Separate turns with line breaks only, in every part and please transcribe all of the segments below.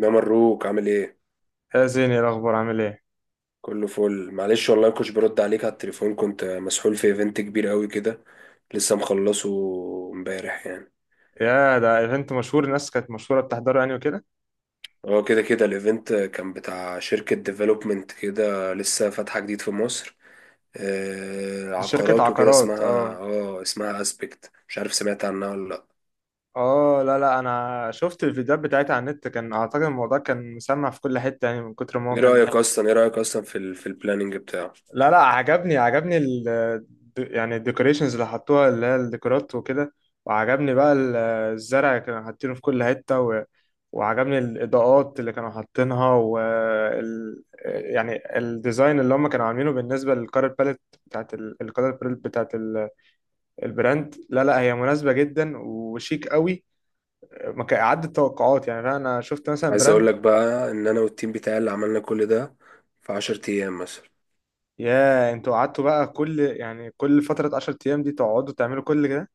ده مروك عامل ايه؟
يا زيني، إيه الاخبار؟ عامل ايه؟
كله فل، معلش والله مكنتش برد عليك على التليفون، كنت مسحول في ايفنت كبير قوي كده، لسه مخلصه امبارح يعني.
يا، ده ايفنت مشهور، الناس كانت مشهوره بتحضره يعني وكده.
هو كده كده الايفنت كان بتاع شركة ديفلوبمنت كده لسه فاتحة جديد في مصر. آه،
دي شركه
عقارات وكده،
عقارات،
اسمها
اه.
اه اسمها اسبكت، مش عارف سمعت عنها ولا لا.
اه، لا لا، انا شفت الفيديوهات بتاعتها على النت، كان اعتقد الموضوع كان مسمع في كل حته يعني من كتر ما هو
ايه
كان.
رأيك اصلا ايه رأيك اصلا في البلاننج بتاعه؟
لا لا، عجبني عجبني يعني الديكوريشنز اللي حطوها اللي هي الديكورات وكده. وعجبني بقى الزرع اللي كانوا حاطينه في كل حتة. وعجبني الإضاءات اللي كانوا حاطينها و يعني الديزاين اللي هم كانوا عاملينه بالنسبة للكارت باليت بتاعت الكارت باليت بتاعت البراند. لا لا، هي مناسبة جدا وشيك قوي. ما كان عدت التوقعات، يعني انا شفت مثلا
عايز اقول
براند.
لك بقى ان انا والتيم بتاعي اللي عملنا كل ده في 10 ايام مثلا.
يا، انتوا قعدتوا بقى كل كل فترة 10 ايام دي تقعدوا تعملوا كل كده؟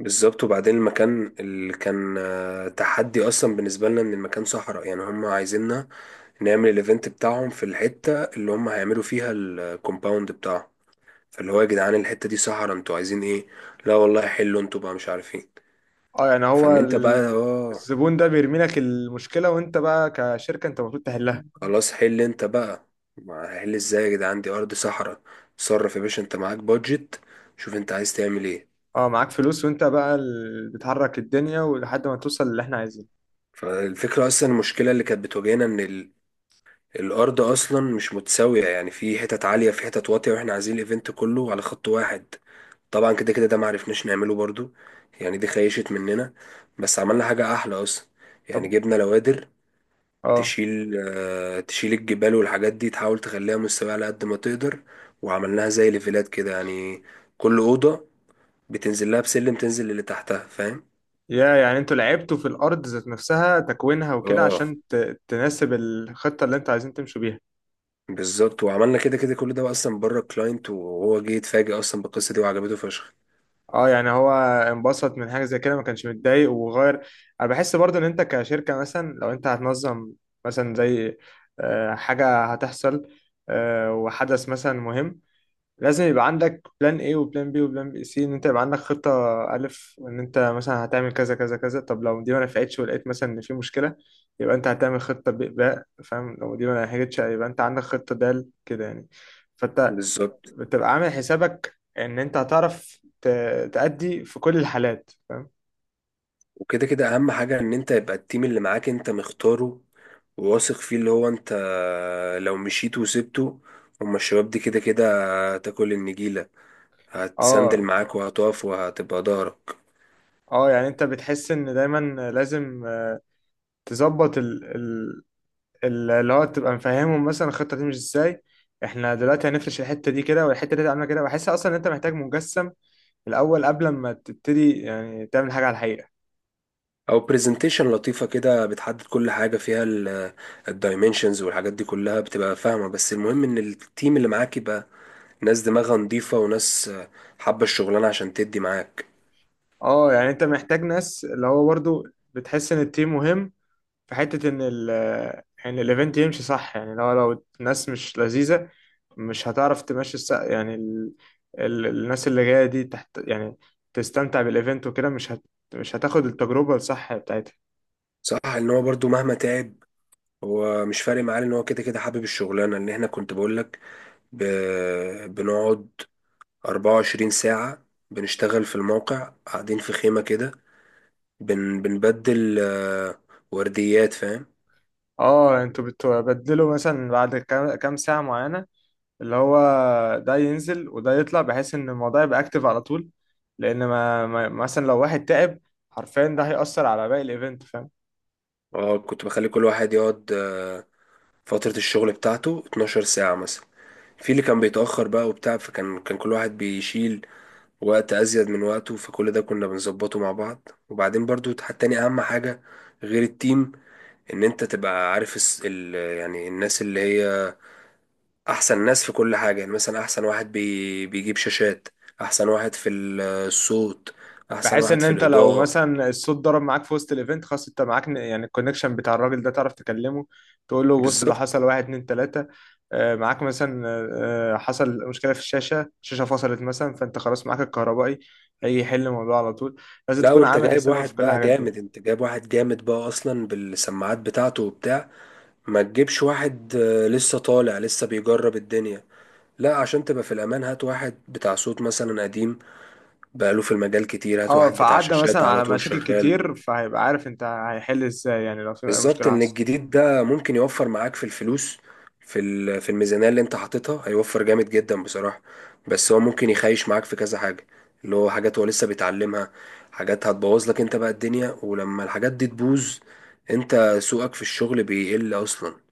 بالظبط، وبعدين المكان اللي كان تحدي اصلا بالنسبه لنا، ان المكان صحراء يعني، هم عايزيننا نعمل الايفنت بتاعهم في الحته اللي هم هيعملوا فيها الكومباوند بتاعهم. فاللي هو يا جدعان الحته دي صحراء، انتوا عايزين ايه؟ لا والله، حلوا انتوا بقى، مش عارفين.
اه، يعني هو
فان انت بقى
الزبون ده بيرمي لك المشكلة، وانت بقى كشركة انت المفروض تحلها.
خلاص، حل انت بقى. ما هحل ازاي يا جدعان، دي ارض صحراء. صرف يا باشا، انت معاك بادجت، شوف انت عايز تعمل ايه.
اه، معاك فلوس، وانت بقى اللي بتحرك الدنيا ولحد ما توصل للي احنا عايزينه.
فالفكره اصلا، المشكله اللي كانت بتواجهنا ان الارض اصلا مش متساويه، يعني في حتت عاليه في حتت واطيه، واحنا عايزين الايفنت كله على خط واحد. طبعا كده كده ده معرفناش نعمله برضو، يعني دي خيشت مننا. بس عملنا حاجه احلى اصلا، يعني
طب.
جبنا لوادر
اه.
تشيل الجبال والحاجات دي، تحاول تخليها مستويه على قد ما تقدر، وعملناها زي ليفلات كده يعني، كل اوضه بتنزل لها بسلم تنزل اللي تحتها، فاهم.
يا، يعني انتوا لعبتوا في الارض ذات نفسها تكوينها وكده
اه
عشان تناسب الخطة اللي انتوا عايزين تمشوا بيها.
بالظبط. وعملنا كده كده كل ده اصلا بره الكلاينت، وهو جه يتفاجئ اصلا بالقصه دي وعجبته فشخ.
اه، يعني هو انبسط من حاجة زي كده، ما كانش متضايق وغير. انا بحس برضو ان انت كشركة مثلا لو انت هتنظم مثلا زي حاجة هتحصل، وحدث مثلا مهم. لازم يبقى عندك بلان ايه وبلان بي وبلان بي سي، ان انت يبقى عندك خطة الف ان انت مثلا هتعمل كذا كذا كذا. طب لو دي ما نفعتش ولقيت مثلا ان في مشكلة، يبقى انت هتعمل خطة ب باء، فاهم؟ لو دي ما نجحتش يبقى انت عندك خطة دال كده يعني. فانت
بالظبط،
بتبقى عامل حسابك ان انت هتعرف تأدي في كل الحالات، فاهم؟
وكده كده اهم حاجة ان انت يبقى التيم اللي معاك انت مختاره وواثق فيه، اللي هو انت لو مشيت وسبته، هما الشباب دي كده كده هتاكل النجيلة، هتسندل
اه.
معاك وهتقف وهتبقى ظهرك.
اه، يعني انت بتحس ان دايما لازم تظبط اللي هو تبقى مفهمهم مثلا الخطه تمشي ازاي. احنا دلوقتي هنفرش الحته دي كده والحته دي هتعملها كده. بحس اصلا ان انت محتاج مجسم الاول قبل ما تبتدي يعني تعمل حاجه على الحقيقه.
او برزنتيشن لطيفة كده بتحدد كل حاجة فيها، الدايمنشنز والحاجات دي كلها بتبقى فاهمة. بس المهم ان التيم اللي معاك يبقى ناس دماغها نظيفة، وناس حابة الشغلانة عشان تدي معاك.
اه، يعني انت محتاج ناس اللي هو برضو بتحس ان التيم مهم في حته ان يعني الايفنت يمشي صح، يعني لو الناس مش لذيذه. مش هتعرف تمشي يعني الناس اللي جايه دي تحت يعني تستمتع بالايفنت وكده، مش هتاخد التجربه الصح بتاعتها.
صح. ان هو برضو مهما تعب هو مش فارق معاه، ان هو كده كده حابب الشغلانه. ان احنا كنت بقول لك، ب... بنقعد 24 ساعه بنشتغل في الموقع، قاعدين في خيمه كده، بنبدل ورديات، فاهم.
اه، انتوا بتبدلوا مثلا بعد كام ساعة معينة؟ اللي هو ده ينزل وده يطلع بحيث ان الموضوع يبقى اكتف على طول. لان ما مثلا لو واحد تعب، حرفيا ده هيأثر على باقي الايفنت، فاهم؟
اه كنت بخلي كل واحد يقعد فتره الشغل بتاعته 12 ساعه مثلا. في اللي كان بيتاخر بقى وبتاع، فكان كل واحد بيشيل وقت ازيد من وقته، فكل ده كنا بنظبطه مع بعض. وبعدين برضو تاني اهم حاجه غير التيم، ان انت تبقى عارف يعني الناس اللي هي احسن ناس في كل حاجة. يعني مثلا احسن واحد بيجيب شاشات، احسن واحد في الصوت، احسن
بحيث
واحد
ان
في
انت لو
الاضاءة.
مثلا الصوت ضرب معاك في وسط الايفنت، خلاص انت معاك يعني الكونكشن بتاع الراجل ده، تعرف تكلمه تقول له بص، ده
بالظبط.
حصل واحد اتنين تلاتة. معاك مثلا حصل مشكلة في الشاشة فصلت مثلا، فانت خلاص معاك الكهربائي هيجي يحل الموضوع على طول. لازم
لا
تكون
وانت
عامل
جايب
حسابك في
واحد
كل
بقى
الحاجات دي.
جامد، انت جايب واحد جامد بقى اصلا بالسماعات بتاعته وبتاع. ما تجيبش واحد لسه طالع لسه بيجرب الدنيا. لا عشان تبقى في الامان، هات واحد بتاع صوت مثلا قديم بقاله في المجال كتير، هات
اه،
واحد بتاع
فعدى
شاشات
مثلا
على
على
طول
مشاكل
شغال.
كتير فهيبقى عارف انت هيحل ازاي يعني لو في اي
بالظبط،
مشكله
ان
حصلت.
الجديد ده ممكن يوفر معاك في الفلوس، في الميزانية اللي انت حاططها، هيوفر جامد جدا بصراحة. بس هو ممكن يخيش معاك في كذا حاجة، اللي هو حاجات هو لسه بيتعلمها، حاجات هتبوظ لك انت بقى الدنيا، ولما الحاجات دي تبوظ انت سوقك في الشغل بيقل اصلا.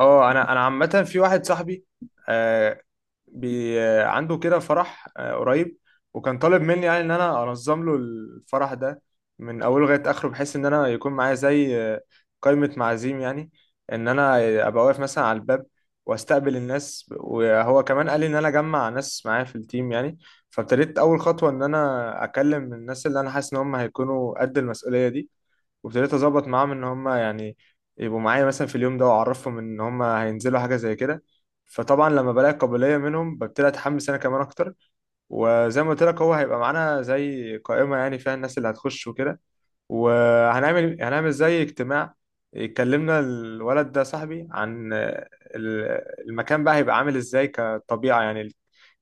اه، انا عامه في واحد صاحبي آه، بي عنده كده فرح قريب. وكان طالب مني يعني ان انا انظم له الفرح ده من اوله لغايه اخره، بحيث ان انا يكون معايا زي قائمه معازيم يعني. ان انا ابقى واقف مثلا على الباب واستقبل الناس، وهو كمان قال لي ان انا اجمع ناس معايا في التيم يعني. فابتديت اول خطوه ان انا اكلم الناس اللي انا حاسس ان هم هيكونوا قد المسؤوليه دي. وابتديت اظبط معاهم ان هم يعني يبقوا معايا مثلا في اليوم ده، واعرفهم ان هم هينزلوا حاجه زي كده. فطبعا لما بلاقي قابليه منهم ببتدي اتحمس انا كمان اكتر. وزي ما قلت لك هو هيبقى معانا زي قائمه يعني فيها الناس اللي هتخش وكده، وهنعمل زي اجتماع. اتكلمنا الولد ده صاحبي عن المكان بقى هيبقى عامل ازاي كطبيعة، يعني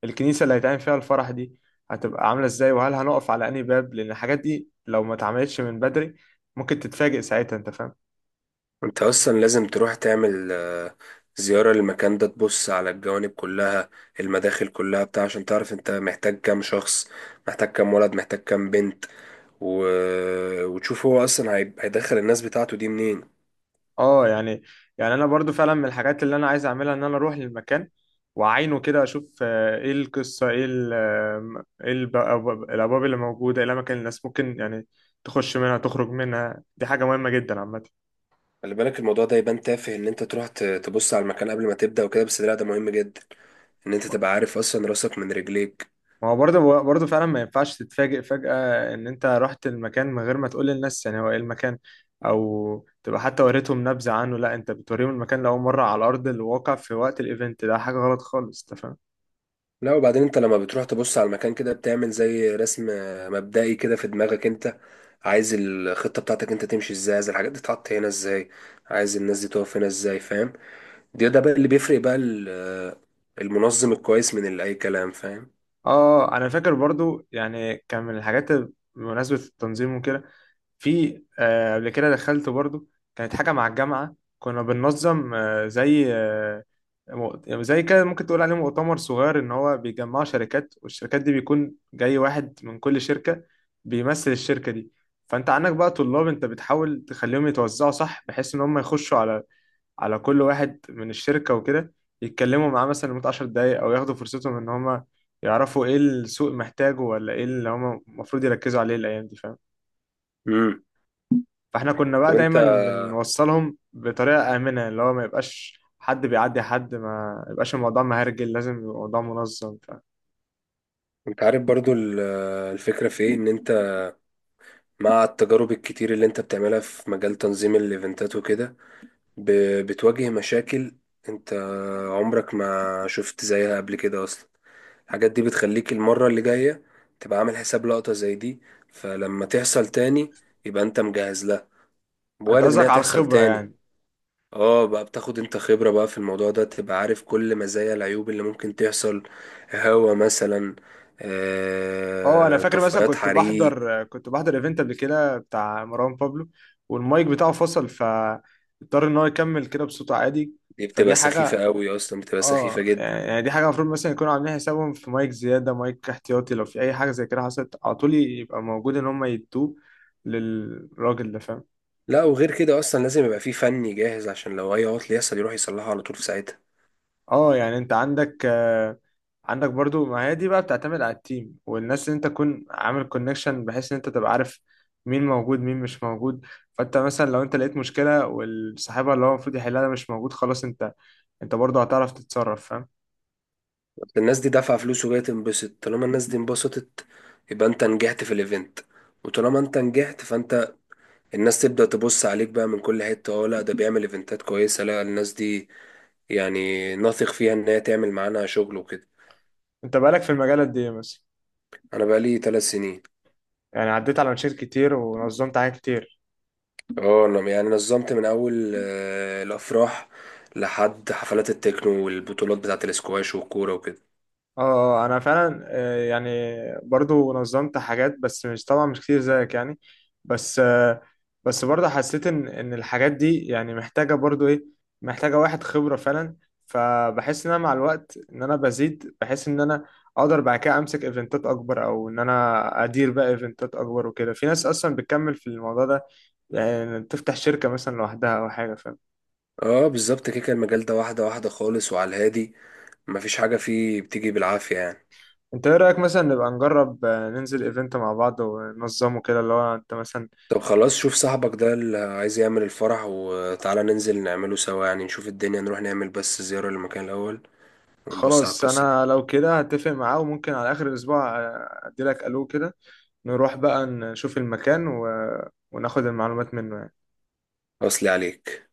الكنيسة اللي هيتعمل فيها الفرح دي هتبقى عاملة ازاي. وهل هنقف على انهي باب؟ لان الحاجات دي لو ما اتعملتش من بدري ممكن تتفاجئ ساعتها، انت فاهم؟
انت اصلا لازم تروح تعمل زيارة للمكان ده، تبص على الجوانب كلها، المداخل كلها بتاع، عشان تعرف انت محتاج كام شخص، محتاج كام ولد، محتاج كام بنت، و... وتشوف هو اصلا هيدخل الناس بتاعته دي منين.
اه، يعني انا برضو فعلا من الحاجات اللي انا عايز اعملها ان انا اروح للمكان. واعاينه كده، اشوف ايه القصه، ايه ايه الابواب اللي موجوده، ايه الاماكن اللي الناس ممكن يعني تخش منها تخرج منها. دي حاجه مهمه جدا عامه.
خلي بالك الموضوع ده يبان تافه، ان انت تروح تبص على المكان قبل ما تبدأ وكده، بس لا ده مهم جدا، ان انت تبقى عارف اصلا راسك من رجليك.
ما هو برضه برضه فعلا ما ينفعش تتفاجئ فجأة إن أنت رحت المكان من غير ما تقول للناس يعني هو إيه المكان. أو تبقى حتى وريتهم نبذة عنه؟ لا، أنت بتوريهم المكان لأول مرة على أرض الواقع في وقت الإيفنت ده، حاجة غلط خالص، تفهم؟
لا وبعدين انت لما بتروح تبص على المكان كده، بتعمل زي رسم مبدئي كده في دماغك، انت عايز الخطة بتاعتك انت تمشي ازاي، عايز الحاجات دي تتحط هنا ازاي، عايز الناس دي تقف هنا ازاي، فاهم. ده بقى اللي بيفرق بقى المنظم الكويس من اللي اي كلام، فاهم.
اه، انا فاكر برضو يعني كان من الحاجات بمناسبة التنظيم وكده. في قبل كده دخلت برضو كانت حاجة مع الجامعة، كنا بننظم زي زي كده ممكن تقول عليه مؤتمر صغير، ان هو بيجمع شركات والشركات دي بيكون جاي واحد من كل شركة بيمثل الشركة دي. فانت عندك بقى طلاب، انت بتحاول تخليهم يتوزعوا صح بحيث ان هم يخشوا على كل واحد من الشركة وكده. يتكلموا معاه مثلا لمدة 10 دقايق، أو ياخدوا فرصتهم إن هما يعرفوا إيه السوق محتاجه ولا إيه اللي هما المفروض يركزوا عليه الأيام دي، فاهم؟
امم.
فإحنا كنا بقى
طب انت
دايما بنوصلهم بطريقة آمنة، اللي هو ما يبقاش حد بيعدي حد، ما يبقاش الموضوع مهرجل، لازم يبقى الموضوع منظم، فاهم؟
انت عارف برضو الفكرة في ايه، ان انت مع التجارب الكتير اللي انت بتعملها في مجال تنظيم الايفنتات وكده، بتواجه مشاكل انت عمرك ما شفت زيها قبل كده اصلا، الحاجات دي بتخليك المرة اللي جاية تبقى عامل حساب لقطة زي دي، فلما تحصل تاني يبقى انت مجهز لها،
انت
وارد ان
قصدك
هي
على
تحصل
الخبرة
تاني.
يعني؟
اه بقى، بتاخد انت خبرة بقى في الموضوع ده، تبقى عارف كل مزايا العيوب اللي ممكن تحصل، هوا مثلا
اه، انا فاكر مثلا
طفايات
كنت
حريق.
بحضر كنت بحضر ايفنت قبل كده بتاع مروان بابلو، والمايك بتاعه فصل فاضطر ان هو يكمل كده بصوته عادي.
دي
فدي
بتبقى سخيفة
حاجة.
قوي اصلا، بتبقى سخيفة
اه،
جدا.
يعني دي حاجه المفروض مثلا يكونوا عاملين حسابهم في مايك زياده، مايك احتياطي، لو في اي حاجه زي كده حصلت على طول يبقى موجود ان هم يدوه للراجل ده، فاهم؟
لا وغير كده اصلا لازم يبقى فيه فني جاهز عشان لو اي عطل يحصل يروح يصلحه على طول في ساعتها.
اه، يعني انت عندك آه عندك برضو، ما هي دي بقى بتعتمد على التيم والناس اللي انت تكون عامل كونكشن، بحيث ان انت تبقى عارف مين موجود مين مش موجود. فانت مثلا لو انت لقيت مشكله والصاحبها اللي هو المفروض يحلها ده مش موجود، خلاص انت برضو هتعرف تتصرف، فاهم؟
أصل الناس دي دافعة فلوس وجاية تنبسط، طالما الناس دي انبسطت يبقى انت نجحت في الايفنت، وطالما انت نجحت فانت الناس تبدأ تبص عليك بقى من كل حتة، اه لا ده بيعمل ايفنتات كويسة، لا الناس دي يعني نثق فيها ان هي تعمل معانا شغل وكده.
انت بقالك في المجال قد ايه مثلا؟
انا بقالي 3 سنين.
يعني عديت على مشاكل كتير ونظمت حاجات كتير.
اه انا يعني نظمت من اول الافراح لحد حفلات التكنو والبطولات بتاعه الاسكواش والكوره وكده.
اه، انا فعلا يعني برضو نظمت حاجات، بس مش طبعا مش كتير زيك يعني، بس آه، بس برضو حسيت ان الحاجات دي يعني محتاجة برضو ايه، محتاجة واحد خبرة فعلا. فبحس ان انا مع الوقت ان انا بزيد، بحس ان انا اقدر بعد كده امسك ايفنتات اكبر او ان انا ادير بقى ايفنتات اكبر وكده. في ناس اصلا بتكمل في الموضوع ده يعني تفتح شركة مثلا لوحدها او حاجة، فاهم؟
اه بالظبط كده، كان المجال ده واحده واحده خالص وعلى الهادي، مفيش حاجه فيه بتيجي بالعافيه يعني.
انت ايه رأيك مثلا نبقى نجرب، ننزل ايفنت مع بعض وننظمه كده اللي هو انت مثلا.
طب خلاص، شوف صاحبك ده اللي عايز يعمل الفرح وتعالى ننزل نعمله سوا، يعني نشوف الدنيا، نروح نعمل بس زياره للمكان الاول ونبص على
خلاص
القصه دي.
انا لو كده هتفق معاه، وممكن على اخر الاسبوع ادي لك الو كده نروح بقى نشوف المكان وناخد المعلومات منه يعني.
اصلي عليك.